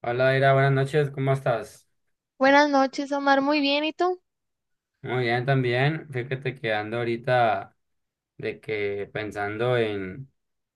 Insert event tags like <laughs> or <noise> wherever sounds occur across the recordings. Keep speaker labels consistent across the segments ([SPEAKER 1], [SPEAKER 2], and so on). [SPEAKER 1] Hola, Ira, buenas noches, ¿cómo estás?
[SPEAKER 2] Buenas noches, Omar. Muy bien, ¿y tú?
[SPEAKER 1] Muy bien también. Fíjate que ando ahorita de que pensando en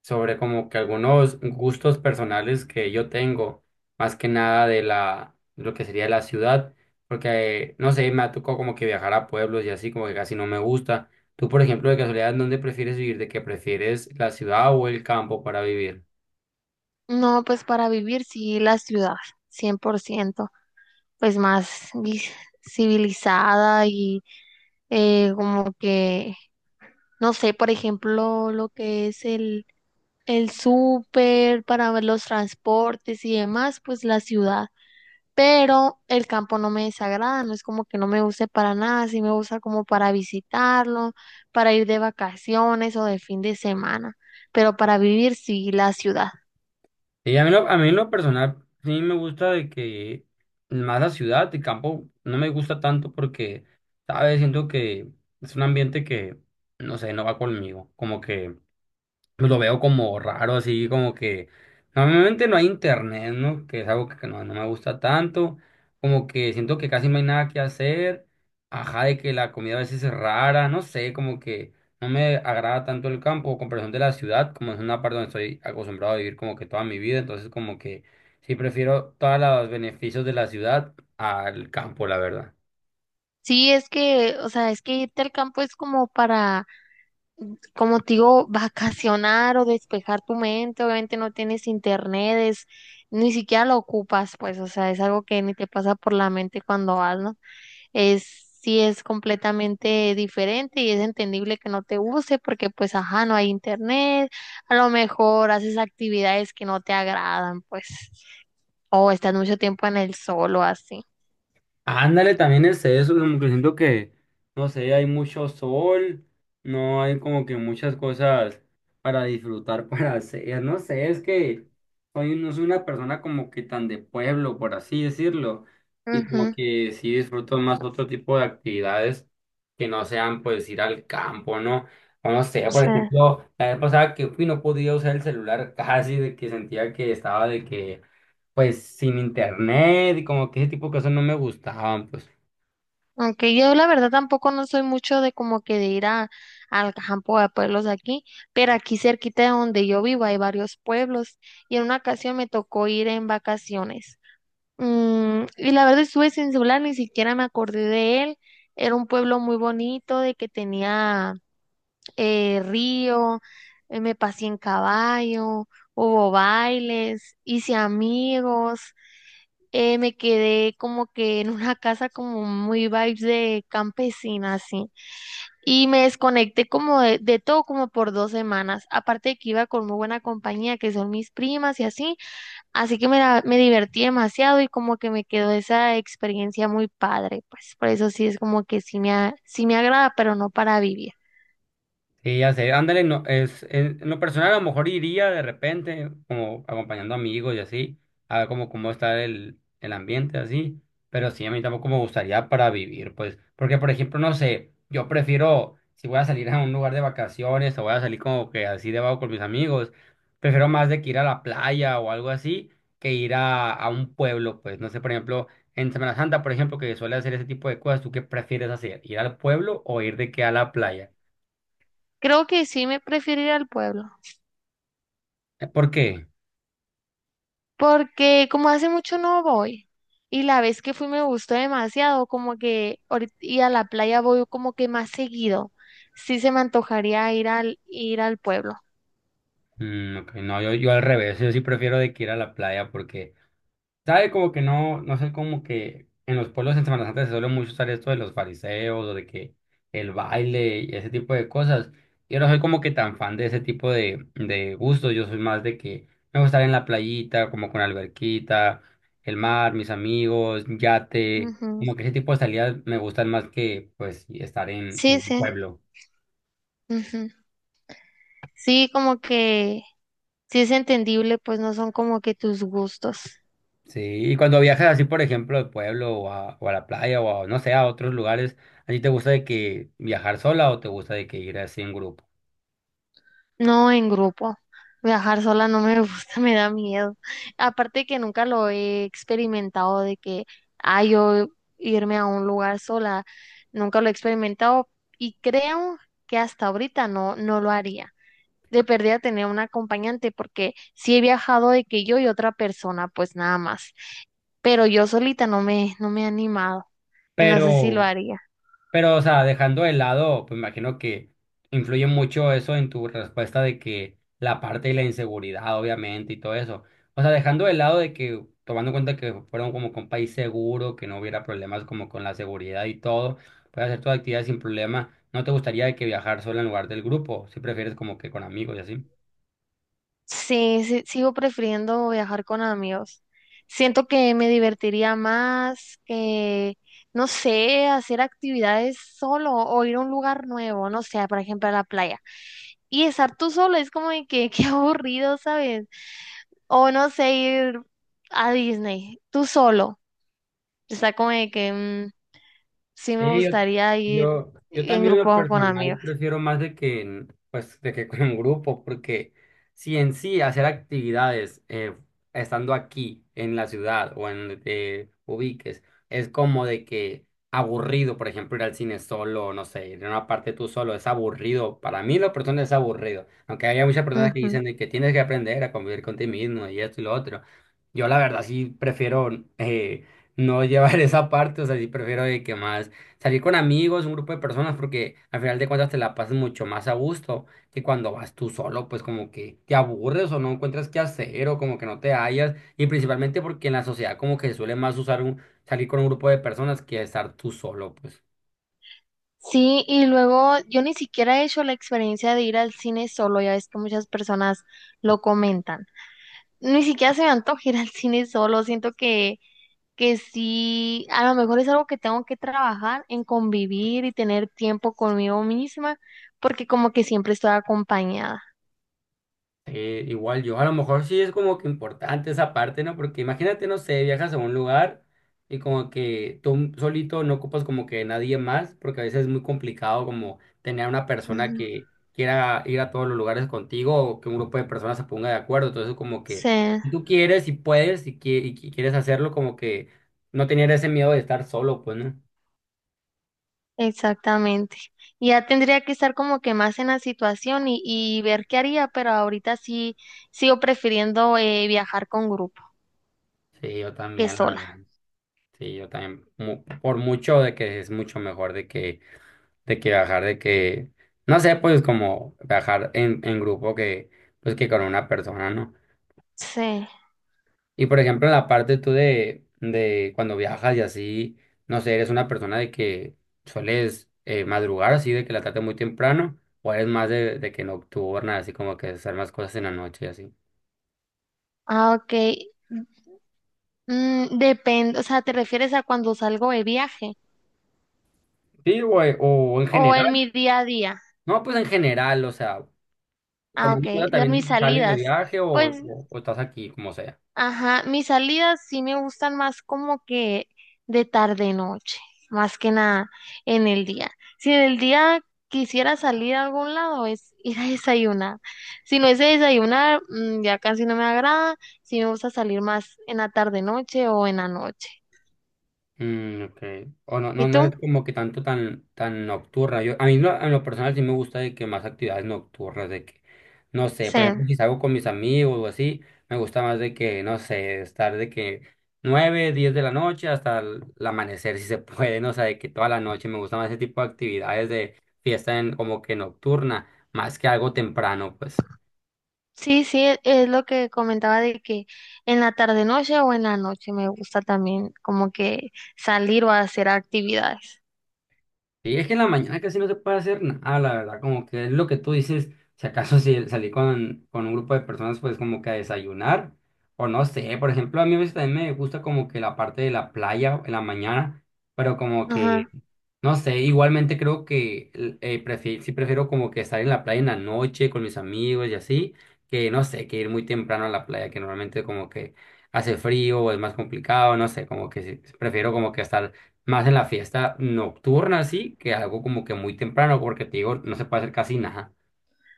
[SPEAKER 1] sobre como que algunos gustos personales que yo tengo, más que nada de la lo que sería la ciudad, porque no sé, me ha tocado como que viajar a pueblos y así como que casi no me gusta. Tú, por ejemplo, de casualidad, ¿dónde prefieres vivir? ¿De que prefieres la ciudad o el campo para vivir?
[SPEAKER 2] No, pues para vivir sí la ciudad, 100%, pues más vi- civilizada y como que, no sé, por ejemplo, lo que es el súper para ver los transportes y demás, pues la ciudad. Pero el campo no me desagrada, no es como que no me use para nada, sí me gusta como para visitarlo, para ir de vacaciones o de fin de semana, pero para vivir sí la ciudad.
[SPEAKER 1] Y a mí, a mí en lo personal sí me gusta de que más la ciudad, el campo no me gusta tanto porque, ¿sabes? Siento que es un ambiente que, no sé, no va conmigo. Como que pues lo veo como raro, así como que normalmente no hay internet, ¿no? Que es algo que no, no me gusta tanto, como que siento que casi no hay nada que hacer, ajá, de que la comida a veces es rara, no sé, como que no me agrada tanto el campo o comparación de la ciudad, como es una parte donde estoy acostumbrado a vivir como que toda mi vida, entonces como que sí prefiero todos los beneficios de la ciudad al campo, la verdad.
[SPEAKER 2] Sí, es que, o sea, es que irte al campo es como para, como te digo, vacacionar o despejar tu mente. Obviamente no tienes internet, es- ni siquiera lo ocupas, pues, o sea, es algo que ni te pasa por la mente cuando vas, ¿no? Es, sí es completamente diferente y es entendible que no te guste porque, pues, ajá, no hay internet, a lo mejor haces actividades que no te agradan, pues, o estás mucho tiempo en el sol o así.
[SPEAKER 1] Ándale, también es eso, como que siento que, no sé, hay mucho sol, no hay como que muchas cosas para disfrutar, <laughs> para hacer, no sé, es que no soy una persona como que tan de pueblo, por así decirlo, y como
[SPEAKER 2] Ujú,
[SPEAKER 1] que sí disfruto más otro tipo de actividades que no sean pues ir al campo, ¿no? O no sé, por
[SPEAKER 2] sí.
[SPEAKER 1] ejemplo, la vez pasada que fui no podía usar el celular casi de que sentía que estaba de que pues sin internet y como que ese tipo de cosas no me gustaban, pues.
[SPEAKER 2] Aunque yo la verdad tampoco no soy mucho de como que de ir a, al campo a pueblos aquí, pero aquí cerquita de donde yo vivo hay varios pueblos y en una ocasión me tocó ir en vacaciones. Mm, y la verdad estuve sin celular, ni siquiera me acordé de él. Era un pueblo muy bonito, de que tenía río, me pasé en caballo, hubo bailes, hice amigos me quedé como que en una casa como muy vibes de campesina, así. Y me desconecté como de todo como por dos semanas. Aparte de que iba con muy buena compañía, que son mis primas y así. Así que me, la- me divertí demasiado y como que me quedó esa experiencia muy padre. Pues por eso sí es como que sí me, a- sí me agrada, pero no para vivir.
[SPEAKER 1] Sí, ya sé, ándale, no, en lo personal a lo mejor iría de repente, como acompañando amigos y así, a ver cómo está el ambiente así, pero sí, a mí tampoco me gustaría para vivir, pues, porque por ejemplo, no sé, yo prefiero, si voy a salir a un lugar de vacaciones o voy a salir como que así de vago con mis amigos, prefiero más de que ir a la playa o algo así, que ir a un pueblo, pues, no sé, por ejemplo, en Semana Santa, por ejemplo, que suele hacer ese tipo de cosas, ¿tú qué prefieres hacer? ¿Ir al pueblo o ir de que a la playa?
[SPEAKER 2] Creo que sí me prefiero ir al pueblo.
[SPEAKER 1] ¿Por qué?
[SPEAKER 2] Porque como hace mucho no voy y la vez que fui me gustó demasiado, como que ahorit- y a la playa voy como que más seguido. Sí se me antojaría ir al pueblo.
[SPEAKER 1] Mm, ok, no, yo al revés, yo sí prefiero de que ir a la playa porque, ¿sabe? Como que no, no sé, como que en los pueblos en Semana Santa se suele mucho usar esto de los fariseos o de que el baile y ese tipo de cosas. Yo no soy como que tan fan de ese tipo de gustos, yo soy más de que me gusta estar en la playita, como con alberquita, el mar, mis amigos, yate,
[SPEAKER 2] Ujú.
[SPEAKER 1] como que ese tipo de salidas me gustan más que pues estar en
[SPEAKER 2] Sí,
[SPEAKER 1] un
[SPEAKER 2] sí.
[SPEAKER 1] pueblo.
[SPEAKER 2] Ujú. Sí, como que sí es entendible, pues no son como que tus gustos.
[SPEAKER 1] Sí, y cuando viajas así, por ejemplo, al pueblo o o a la playa o a, no sé, a otros lugares, ¿a ti te gusta de que viajar sola o te gusta de que ir así en grupo?
[SPEAKER 2] No, en grupo. Viajar sola no me gusta, <laughs> me da miedo. Aparte que nunca lo he experimentado de que, ah, yo irme a un lugar sola, nunca lo he experimentado y creo que hasta ahorita no, no lo haría. De perdida tener un acompañante porque sí he viajado de que yo y otra persona, pues nada más. Pero yo solita no me, no me he animado y no sé si lo
[SPEAKER 1] Pero,
[SPEAKER 2] haría.
[SPEAKER 1] pero o sea, dejando de lado, pues me imagino que influye mucho eso en tu respuesta de que la parte de la inseguridad, obviamente, y todo eso. O sea, dejando de lado de que, tomando en cuenta que fueron como con país seguro, que no hubiera problemas como con la seguridad y todo, puedes hacer tu actividad sin problema. ¿No te gustaría de que viajar sola en lugar del grupo? Si prefieres como que con amigos y así.
[SPEAKER 2] Sí, sí, sigo prefiriendo viajar con amigos. Siento que me divertiría más que, no sé, hacer actividades solo o ir a un lugar nuevo, no sé, por ejemplo, a la playa. Y estar tú solo es como de que, <laughs> qué aburrido, ¿sabes? O no sé, ir a Disney, tú solo. Está como de que mm, sí me
[SPEAKER 1] Sí,
[SPEAKER 2] gustaría ir
[SPEAKER 1] yo
[SPEAKER 2] en
[SPEAKER 1] también en lo
[SPEAKER 2] grupo con
[SPEAKER 1] personal
[SPEAKER 2] amigos.
[SPEAKER 1] prefiero más de que, pues, de que <laughs> con un grupo, porque si en sí hacer actividades estando aquí en la ciudad o en donde te ubiques es como de que aburrido, por ejemplo, ir al cine solo, no sé, ir a una parte tú solo, es aburrido. Para mí lo personal es aburrido, aunque haya muchas personas que
[SPEAKER 2] Ujú.
[SPEAKER 1] dicen de que tienes que aprender a convivir con ti mismo y esto y lo otro. Yo la verdad sí prefiero... eh, no llevar <laughs> esa parte, o sea, sí prefiero de que más salir con amigos, un grupo de personas, porque al final de cuentas te la pasas mucho más a gusto que cuando vas tú solo, pues como que te aburres o no encuentras qué hacer o como que no te hallas, y principalmente porque en la sociedad como que se suele más usar un, salir con un grupo de personas que estar tú solo, pues.
[SPEAKER 2] Sí, y luego yo ni siquiera he hecho la experiencia de ir al cine solo, ya ves que muchas personas lo comentan. Ni siquiera se me antoja <laughs> ir al cine solo, siento que sí, a lo mejor es algo que tengo que trabajar en convivir y tener tiempo conmigo misma, porque como que siempre estoy acompañada.
[SPEAKER 1] Sí, igual yo, a lo mejor sí es como que importante esa parte, ¿no? Porque imagínate, no sé, viajas a un lugar y como que tú solito no ocupas como que nadie más, porque a veces es muy complicado como tener una persona
[SPEAKER 2] Ujú.
[SPEAKER 1] que quiera ir a todos los lugares contigo o que un grupo de personas se ponga de acuerdo. Entonces como que
[SPEAKER 2] Sí,
[SPEAKER 1] si tú quieres, si puedes, si quieres hacerlo, como que no tener ese miedo de estar solo, pues, ¿no?
[SPEAKER 2] exactamente. Y ya tendría que estar como que más en la situación y ver qué haría, pero ahorita sí sigo prefiriendo viajar con grupo
[SPEAKER 1] Sí, yo
[SPEAKER 2] que
[SPEAKER 1] también, la
[SPEAKER 2] sola.
[SPEAKER 1] verdad. Sí, yo también. Por mucho de que es mucho mejor de que viajar, de que, no sé, pues como viajar en grupo que, pues que con una persona, ¿no?
[SPEAKER 2] Sí.
[SPEAKER 1] Y por ejemplo, en la parte tú de cuando viajas y así, no sé, eres una persona de que sueles madrugar así, de que la trate muy temprano, o eres más de que nocturna, así como que hacer más cosas en la noche y así.
[SPEAKER 2] Ah, ok. Mm, depende, o sea, ¿te refieres a cuando salgo de viaje
[SPEAKER 1] Sí, güey, o en
[SPEAKER 2] o en
[SPEAKER 1] general,
[SPEAKER 2] mi día a día?
[SPEAKER 1] no, pues en general, o sea,
[SPEAKER 2] Ah,
[SPEAKER 1] tomando en
[SPEAKER 2] ok.
[SPEAKER 1] cuenta
[SPEAKER 2] La- mis
[SPEAKER 1] también si sales de
[SPEAKER 2] salidas.
[SPEAKER 1] viaje
[SPEAKER 2] Pues,
[SPEAKER 1] o estás aquí, como sea.
[SPEAKER 2] ajá, mis salidas sí me gustan más como que de tarde noche, más que nada en el día. Si en el día quisiera salir a algún lado es ir a desayunar. Si no es de desayunar, mm, ya casi no me agrada. Sí me gusta salir más en la tarde noche o en la noche.
[SPEAKER 1] Mm, ok. O no,
[SPEAKER 2] ¿Y
[SPEAKER 1] no
[SPEAKER 2] tú?
[SPEAKER 1] es como que tan nocturna. Yo, a mí no en lo personal sí me gusta de que más actividades nocturnas, de que, no sé,
[SPEAKER 2] Sí.
[SPEAKER 1] por ejemplo, si salgo con mis amigos o así, me gusta más de que, no sé, estar de que 9, 10 de la noche hasta el amanecer, si se <laughs> puede, no sé, de que toda la noche me gusta más ese tipo de actividades de fiesta como que nocturna, más que algo temprano, pues.
[SPEAKER 2] Sí, sí, e- es lo que comentaba de que en la tarde noche o en la noche me gusta también como que salir o hacer actividades.
[SPEAKER 1] Y es que en la mañana casi no se puede hacer nada, la verdad, como que es lo que tú dices, si acaso si salí con un grupo de personas, pues como que a desayunar, o no sé, por ejemplo, a mí a veces también me gusta como que la parte de la playa en la mañana, pero como Mm. que
[SPEAKER 2] Ajá.
[SPEAKER 1] no sé, igualmente creo que sí prefiero como que estar en la playa en la noche con mis amigos y así, que no sé, que ir muy temprano a la playa, que normalmente como que hace frío o es más complicado, no sé, como que sí, prefiero como que estar más en la fiesta nocturna así, que algo como que muy temprano, porque te digo, no se puede hacer casi nada.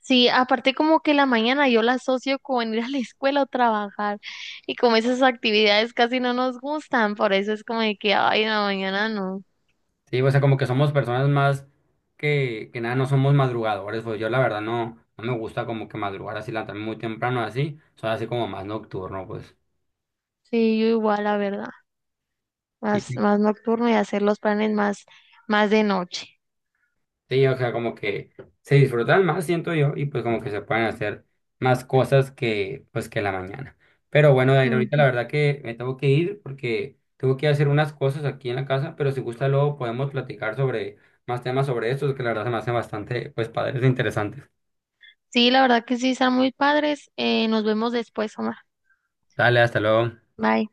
[SPEAKER 2] Sí, aparte como que la mañana yo la asocio con ir a la escuela o trabajar y como esas actividades casi no nos gustan, por eso es como de que, ay, en la mañana no.
[SPEAKER 1] Sí, o sea, como que somos personas más que nada, no somos madrugadores, pues yo la verdad no, no me gusta como que madrugar así, levantarme muy temprano así, soy así como más nocturno, pues.
[SPEAKER 2] Sí, yo igual, la verdad,
[SPEAKER 1] Sí,
[SPEAKER 2] más, más nocturno y hacer los planes más, más de noche.
[SPEAKER 1] Sí, o sea, como que se disfrutan más, siento yo, y pues como que se pueden hacer más cosas que pues que la mañana. Pero bueno, Dair, ahorita la
[SPEAKER 2] Ujú.
[SPEAKER 1] verdad que me tengo que ir porque tengo que hacer unas cosas aquí en la casa, pero si gusta luego podemos platicar sobre más temas sobre estos, que la verdad se me hacen bastante pues padres e interesantes.
[SPEAKER 2] Sí, la verdad que sí, están muy padres. Nos vemos después, Omar.
[SPEAKER 1] Dale, hasta luego.
[SPEAKER 2] Bye.